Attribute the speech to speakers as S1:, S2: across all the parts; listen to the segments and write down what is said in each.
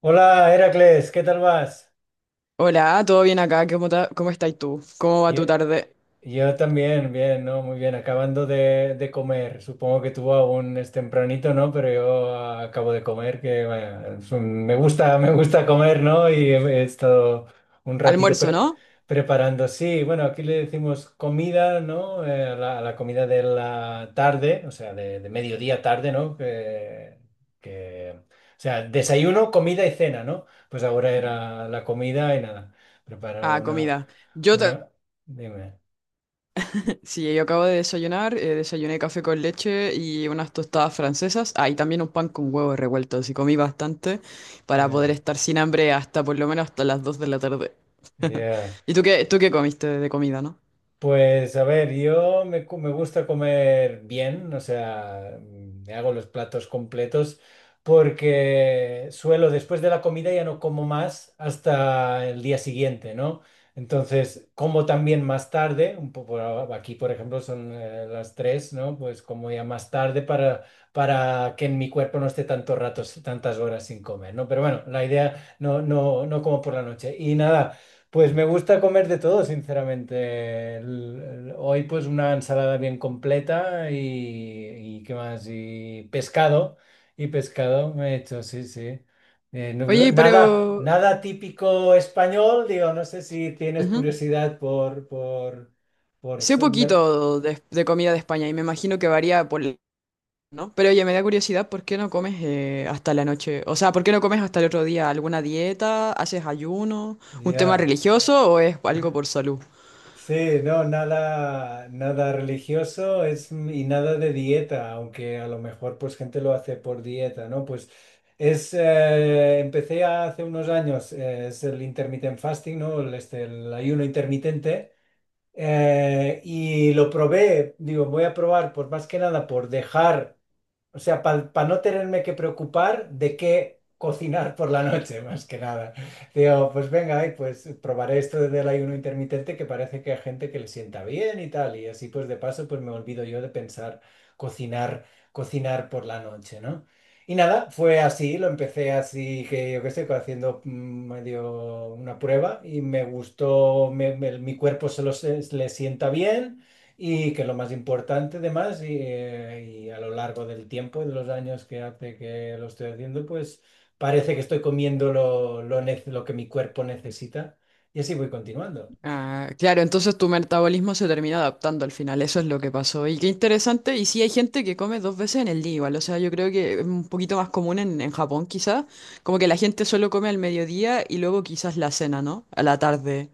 S1: Hola, Heracles, ¿qué tal vas?
S2: Hola, ¿todo bien acá? ¿Cómo estás tú? ¿Cómo va tu
S1: Ye-
S2: tarde?
S1: Yo también, bien, ¿no? Muy bien, acabando de comer. Supongo que tú aún es tempranito, ¿no? Pero yo acabo de comer, que vaya, me gusta comer, ¿no? Y he estado un ratito
S2: Almuerzo, ¿no?
S1: preparando. Sí, bueno, aquí le decimos comida, ¿no? A a la comida de la tarde, o sea, de mediodía tarde, ¿no? O sea, desayuno, comida y cena, ¿no? Pues ahora era la comida y nada, preparado
S2: Ah, comida. Yo ta-
S1: una, dime.
S2: sí, yo acabo de desayunar, desayuné café con leche y unas tostadas francesas. Ah, y también un pan con huevos revueltos. Y comí bastante para poder
S1: Ya,
S2: estar sin hambre hasta por lo menos hasta las 2 de la tarde.
S1: ya.
S2: ¿Y tú qué comiste de comida, no?
S1: Pues a ver, me gusta comer bien, o sea, me hago los platos completos porque suelo después de la comida ya no como más hasta el día siguiente, ¿no? Entonces, como también más tarde, un poco aquí por ejemplo son las tres, ¿no? Pues como ya más tarde para que en mi cuerpo no esté tantos ratos, tantas horas sin comer, ¿no? Pero bueno, la idea no como por la noche. Y nada. Pues me gusta comer de todo, sinceramente. Hoy pues una ensalada bien completa y ¿qué más? Y pescado me he hecho, sí, sí.
S2: Oye,
S1: Nada,
S2: pero
S1: nada típico español, digo, no sé si tienes
S2: ujú.
S1: curiosidad por...
S2: Sé poquito de comida de España y me imagino que varía por, ¿no? Pero oye, me da curiosidad, ¿por qué no comes hasta la noche? O sea, ¿por qué no comes hasta el otro día? ¿Alguna dieta? ¿Haces ayuno? ¿Un tema
S1: Ya.
S2: religioso o es algo por salud?
S1: Sí, no, nada, nada religioso es, y nada de dieta, aunque a lo mejor pues gente lo hace por dieta, ¿no? Pues empecé hace unos años, es el intermittent fasting, ¿no? El ayuno intermitente, y lo probé, digo, voy a probar, pues más que nada por dejar. O sea, para no tenerme que preocupar de qué cocinar por la noche, más que nada. Digo, pues venga, ay, pues probaré esto del ayuno intermitente que parece que hay gente que le sienta bien y tal. Y así pues de paso pues me olvido yo de pensar cocinar, cocinar por la noche, ¿no? Y nada, fue así, lo empecé así que yo qué sé, haciendo medio una prueba y me gustó, mi cuerpo le sienta bien. Y que lo más importante, además, y a lo largo del tiempo, de los años que hace que lo estoy haciendo, pues parece que estoy comiendo lo que mi cuerpo necesita y así voy continuando.
S2: Ah, claro, entonces tu metabolismo se termina adaptando al final, eso es lo que pasó. Y qué interesante, y sí hay gente que come 2 veces en el día igual, o sea, yo creo que es un poquito más común en Japón quizás, como que la gente solo come al mediodía y luego quizás la cena, ¿no? A la tarde.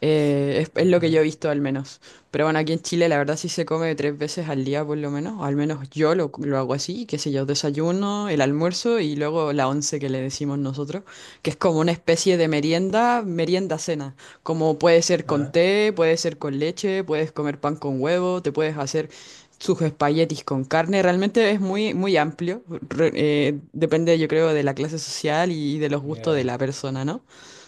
S2: Es lo que yo
S1: Ujú.
S2: he visto al menos. Pero bueno, aquí en Chile la verdad sí se come 3 veces al día por lo menos. O Al menos yo lo hago así, qué sé yo, desayuno, el almuerzo y luego la once que le decimos nosotros, que es como una especie de merienda, merienda cena. Como puede ser con
S1: Ah,
S2: té, puede ser con leche, puedes comer pan con huevo, te puedes hacer sus espaguetis con carne. Realmente es muy, muy amplio. Depende, yo creo, de la clase social y de los gustos de
S1: yeah,
S2: la persona, ¿no?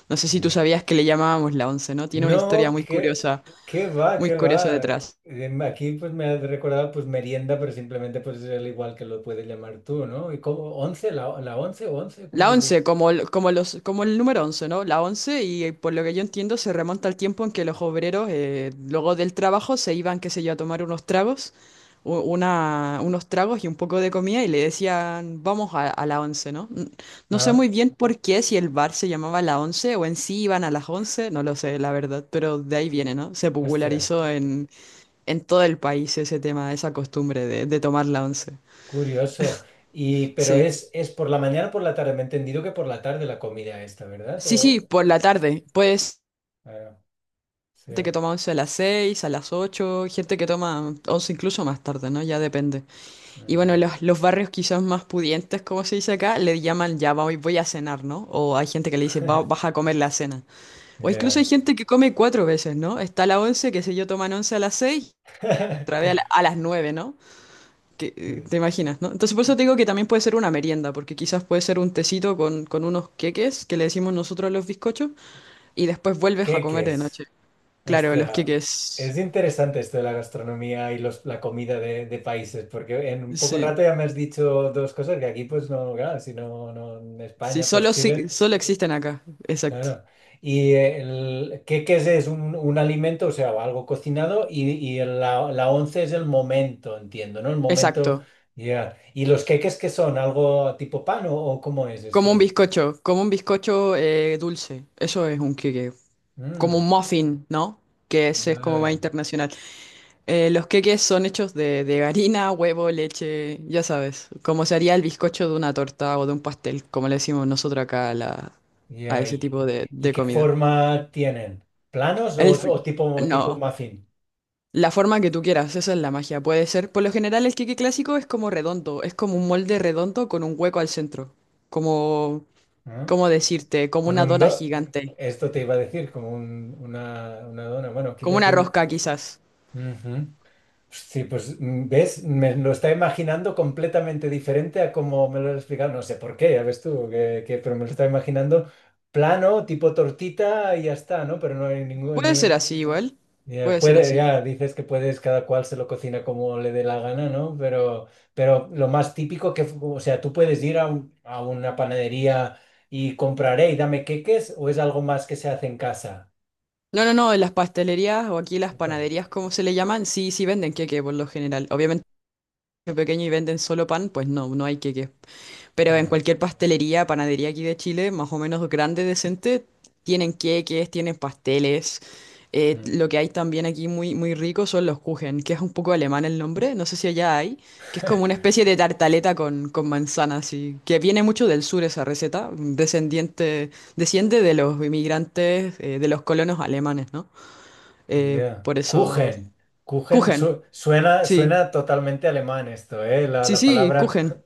S2: No sé si tú
S1: yeah.
S2: sabías que le llamábamos la once, ¿no? Tiene una historia
S1: No, que, qué va,
S2: muy
S1: qué va.
S2: curiosa detrás.
S1: Aquí pues me has recordado pues merienda, pero simplemente pues es el igual que lo puedes llamar tú, ¿no? ¿Y cómo? ¿Once? La once o once? ¿Cómo
S2: La
S1: has dicho?
S2: once, como el, como los, como el número once, ¿no? La once, y por lo que yo entiendo, se remonta al tiempo en que los obreros, luego del trabajo, se iban, qué sé yo, a tomar unos tragos, unos tragos y un poco de comida, y le decían, vamos a la once, ¿no? No sé
S1: Ah,
S2: muy bien por qué, si el bar se llamaba la once o en sí iban a las once, no lo sé, la verdad, pero de ahí viene,
S1: eh,
S2: ¿no? Se
S1: hostia.
S2: popularizó en todo el país ese tema, esa costumbre de tomar la once.
S1: Curioso. Y, pero
S2: Sí.
S1: es por la mañana o por la tarde. Me he entendido que por la tarde la comida esta, ¿verdad?
S2: Sí, sí,
S1: O,
S2: por la tarde. Pues
S1: claro, sí.
S2: gente que toma once a las 6, a las 8, gente que toma once incluso más tarde, ¿no? Ya depende. Y bueno,
S1: Ujú.
S2: los barrios quizás más pudientes, como se dice acá, le llaman ya voy, voy a cenar, ¿no? O hay gente que le dice "Va- "vas a comer la cena". O incluso
S1: Ya.
S2: hay gente que come 4 veces, ¿no? Está la once, que sé yo, toman once a las 6, otra vez a, la- a las 9, ¿no? Que, te imaginas, ¿no? Entonces por eso te digo que también puede ser una merienda, porque quizás puede ser un tecito con unos queques, que le decimos nosotros a los bizcochos, y después vuelves a comer
S1: Qué
S2: de
S1: es?
S2: noche. Claro, los
S1: Hostia,
S2: queques.
S1: es interesante esto de la gastronomía y los, la comida de países, porque en un poco
S2: Sí.
S1: rato ya me has dicho dos cosas que aquí, pues no, claro, si no, no en
S2: Sí,
S1: España, pues
S2: solo,
S1: Chile.
S2: solo existen acá. Exacto.
S1: Claro. ¿Y el, qué, qué es? ¿Es un alimento, o sea, algo cocinado? Y, la, la once es el momento, entiendo, ¿no? El momento,
S2: Exacto.
S1: ya. ¿Y los queques qué son? ¿Algo tipo pan o cómo es esto?
S2: Como un bizcocho dulce. Eso es un queque. Como
S1: Mm,
S2: un muffin, ¿no? Que ese es como más
S1: vale,
S2: internacional. Los queques son hechos de harina, huevo, leche, ya sabes, como se haría el bizcocho de una torta o de un pastel, como le decimos nosotros acá a
S1: ya.
S2: ese tipo
S1: Y
S2: de
S1: qué
S2: comida.
S1: forma tienen? ¿Planos
S2: El fl-
S1: o tipo, tipo
S2: no,
S1: muffin?
S2: la forma que tú quieras, esa es la magia. Puede ser, por lo general el queque clásico es como redondo, es como un molde redondo con un hueco al centro, como,
S1: ¿Ah?
S2: ¿cómo decirte? Como
S1: Con
S2: una
S1: un
S2: dona
S1: do...
S2: gigante,
S1: Esto te iba a decir, como una dona. Bueno, aquí le
S2: como una
S1: decimos...
S2: rosca quizás.
S1: Ujú. Sí, pues ves, me lo está imaginando completamente diferente a como me lo has explicado. No sé por qué, ya ves tú, pero me lo está imaginando plano, tipo tortita y ya está, ¿no? Pero no hay ningún...
S2: Puede ser
S1: ningún-
S2: así igual,
S1: Ya,
S2: puede ser
S1: puede,
S2: así.
S1: ya dices que puedes, cada cual se lo cocina como le dé la gana, ¿no? Pero lo más típico que, o sea, tú puedes ir a una panadería y compraré y dame queques o es algo más que se hace en casa.
S2: No, no, no, en las pastelerías o aquí las
S1: Opa,
S2: panaderías, cómo se le llaman, sí, sí venden queque por lo general. Obviamente, si es pequeño y venden solo pan, pues no, no hay queque. Pero en
S1: ya.
S2: cualquier pastelería, panadería aquí de Chile, más o menos grande, decente, tienen queques, tienen pasteles.
S1: Mm.
S2: Lo que hay también aquí muy, muy rico son los Kuchen, que es un poco alemán el nombre, no sé si allá hay, que es como una especie de tartaleta con manzanas, y que viene mucho del sur esa receta, descendiente, desciende de los inmigrantes, de los colonos alemanes, ¿no?
S1: Yeah.
S2: Por eso.
S1: Kuchen. Kuchen
S2: Kuchen,
S1: suena,
S2: sí.
S1: suena totalmente alemán esto, ¿eh?
S2: Sí,
S1: La
S2: sí,
S1: palabra,
S2: Kuchen.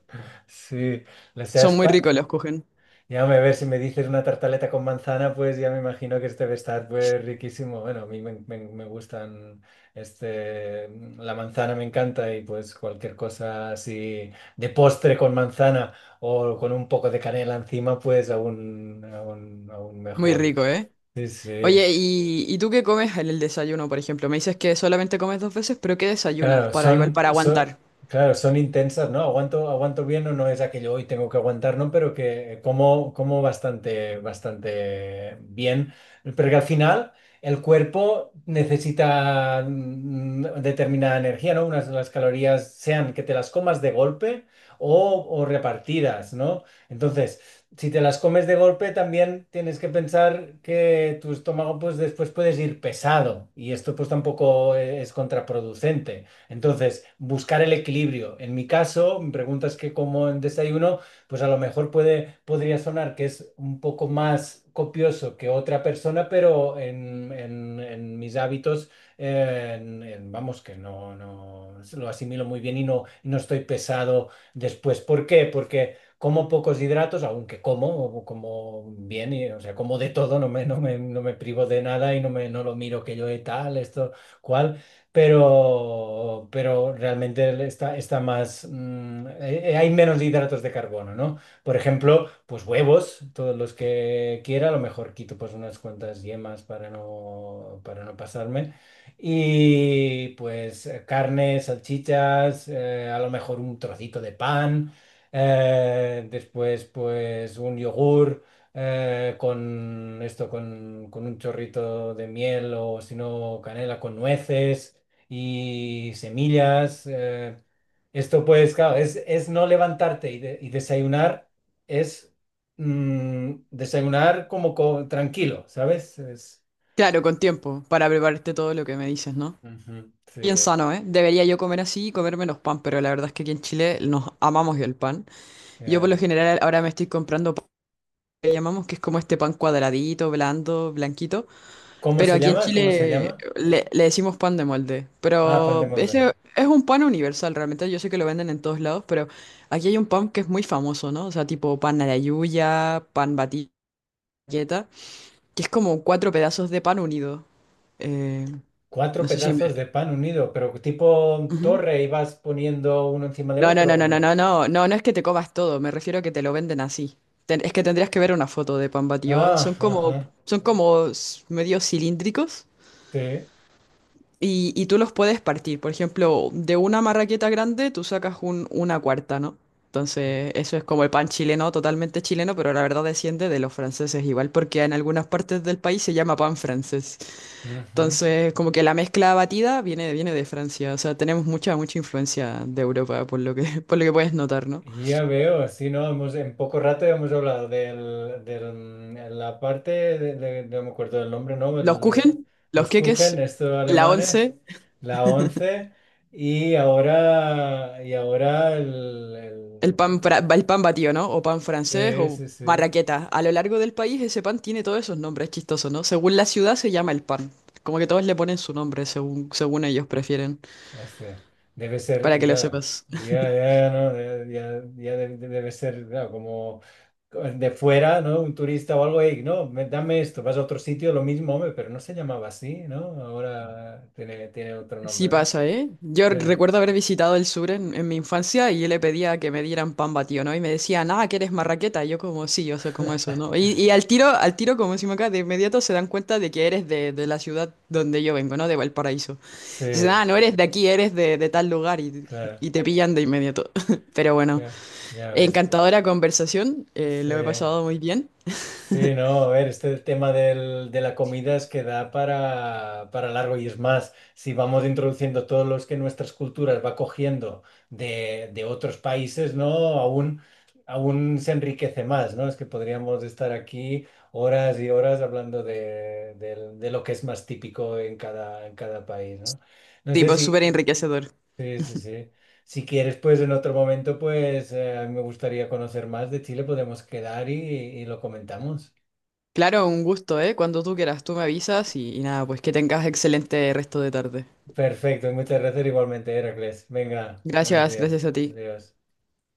S1: sí. La
S2: Son muy
S1: sespa.
S2: ricos los Kuchen.
S1: Ya me ver si me dices una tartaleta con manzana, pues ya me imagino que este debe estar pues riquísimo. Bueno, a mí me gustan, este, la manzana me encanta y pues cualquier cosa así de postre con manzana o con un poco de canela encima, pues aún
S2: Muy
S1: mejor.
S2: rico, ¿eh?
S1: Sí, sí.
S2: Oye, y tú qué comes en el desayuno, por ejemplo? Me dices que solamente comes 2 veces, pero ¿qué desayunas?
S1: Claro,
S2: Para igual, para aguantar.
S1: claro, son intensas, ¿no? Aguanto, aguanto bien o no es aquello hoy tengo que aguantar, ¿no? Pero que como, como bastante, bastante bien. Pero que al final el cuerpo necesita determinada energía, ¿no? Unas las calorías sean que te las comas de golpe o repartidas, ¿no? Entonces, si te las comes de golpe, también tienes que pensar que tu estómago, pues después puedes ir pesado y esto pues tampoco es contraproducente. Entonces, buscar el equilibrio. En mi caso, me preguntas que como en desayuno, pues a lo mejor puede, podría sonar que es un poco más copioso que otra persona, pero en mis hábitos, vamos, que no lo asimilo muy bien y no estoy pesado después. ¿Por qué? Porque como pocos hidratos, aunque como bien, y, o sea, como de todo, no me privo de nada no lo miro que yo he tal, esto, cual pero realmente está más, hay menos hidratos de carbono, ¿no? Por ejemplo, pues huevos, todos los que quiera, a lo mejor quito pues unas cuantas yemas para para no pasarme. Y pues carne, salchichas, a lo mejor un trocito de pan, después pues un yogur con esto, con un chorrito de miel o si no canela con nueces y semillas. Esto pues, claro, es no levantarte y desayunar es desayunar como tranquilo, ¿sabes? Es,
S2: Claro, con tiempo, para prepararte todo lo que me dices, ¿no?
S1: ujú,
S2: Bien
S1: sí,
S2: sano, ¿eh? Debería yo comer así y comer menos pan, pero la verdad es que aquí en Chile nos amamos el pan. Yo por
S1: eh.
S2: lo general ahora me estoy comprando pan que llamamos, que es como este pan cuadradito, blando, blanquito.
S1: ¿Cómo
S2: Pero
S1: se
S2: aquí en
S1: llama? ¿Cómo se
S2: Chile
S1: llama?
S2: le decimos pan de molde.
S1: Ah, pan de
S2: Pero
S1: molde.
S2: ese es un pan universal, realmente. Yo sé que lo venden en todos lados, pero aquí hay un pan que es muy famoso, ¿no? O sea, tipo pan a la yuya, pan batilleta, que es como cuatro pedazos de pan unido. Eh,
S1: Cuatro
S2: no sé si me...
S1: pedazos de pan unido, pero tipo
S2: Ujú.
S1: torre y vas poniendo uno encima de
S2: No, no, no,
S1: otro, ¿o
S2: no, no,
S1: no?
S2: no, no, no, no es que te comas todo, me refiero a que te lo venden así. Es que tendrías que ver una foto de pan batido.
S1: Ah, ajá,
S2: Son como medio cilíndricos.
S1: sí.
S2: Y tú los puedes partir. Por ejemplo, de una marraqueta grande tú sacas una cuarta, ¿no? Entonces, eso es como el pan chileno, totalmente chileno, pero la verdad desciende de los franceses igual, porque en algunas partes del país se llama pan francés.
S1: Ujú.
S2: Entonces, como que la mezcla batida viene, viene de Francia. O sea, tenemos mucha, mucha influencia de Europa, por lo que, por lo que puedes notar, ¿no?
S1: Ya veo, sí, no, hemos, en poco rato ya hemos hablado la parte no me acuerdo del nombre, ¿no?
S2: Los
S1: El,
S2: kuchen, los
S1: los Kuchen,
S2: queques,
S1: estos
S2: la
S1: alemanes,
S2: once.
S1: la 11 y ahora el,
S2: El pan, el pan batido, ¿no? O pan francés o
S1: sí, sí, sí.
S2: marraqueta. A lo largo del país ese pan tiene todos esos nombres chistosos, ¿no? Según la ciudad se llama el pan. Como que todos le ponen su nombre según, según ellos prefieren,
S1: Hostia, debe
S2: para
S1: ser,
S2: que lo
S1: claro,
S2: sepas.
S1: ya, ya, ¿no? Debe ser, claro, como de fuera, ¿no? Un turista o algo, "Ey, no, dame esto, vas a otro sitio, lo mismo, hombre, pero no se llamaba así, ¿no? Ahora tiene, tiene otro
S2: Sí
S1: nombre, ¿no?
S2: pasa, ¿eh? Yo
S1: Bien.
S2: recuerdo haber visitado el sur en mi infancia y yo le pedía que me dieran pan batido, ¿no? Y me decían, ah, que eres marraqueta. Y yo como, sí, yo sé como eso, ¿no? Y al tiro, como decimos acá, de inmediato se dan cuenta de que eres de la ciudad donde yo vengo, ¿no? De Valparaíso. Dicen,
S1: Sí,
S2: ah, no eres de aquí, eres de tal lugar,
S1: claro,
S2: y te pillan de inmediato. Pero bueno,
S1: claro, ya ves, pues,
S2: encantadora conversación,
S1: sí.
S2: lo he pasado muy bien.
S1: Sí, no, a ver, este tema de la comida es que da para largo y es más, si vamos introduciendo todos los que nuestras culturas va cogiendo de otros países, ¿no? Aún, aún se enriquece más, ¿no? Es que podríamos estar aquí horas y horas hablando de lo que es más típico en cada país, ¿no? No sé
S2: Tipo,
S1: si...
S2: súper enriquecedor.
S1: Sí, sí, sí. Si quieres, pues en otro momento, pues me gustaría conocer más de Chile, podemos quedar y lo comentamos.
S2: Claro, un gusto, ¿eh? Cuando tú quieras, tú me avisas y nada, pues que tengas excelente resto de tarde.
S1: Perfecto, muchas gracias igualmente, Heracles. Venga, buenos
S2: Gracias, gracias
S1: días.
S2: a ti.
S1: Adiós.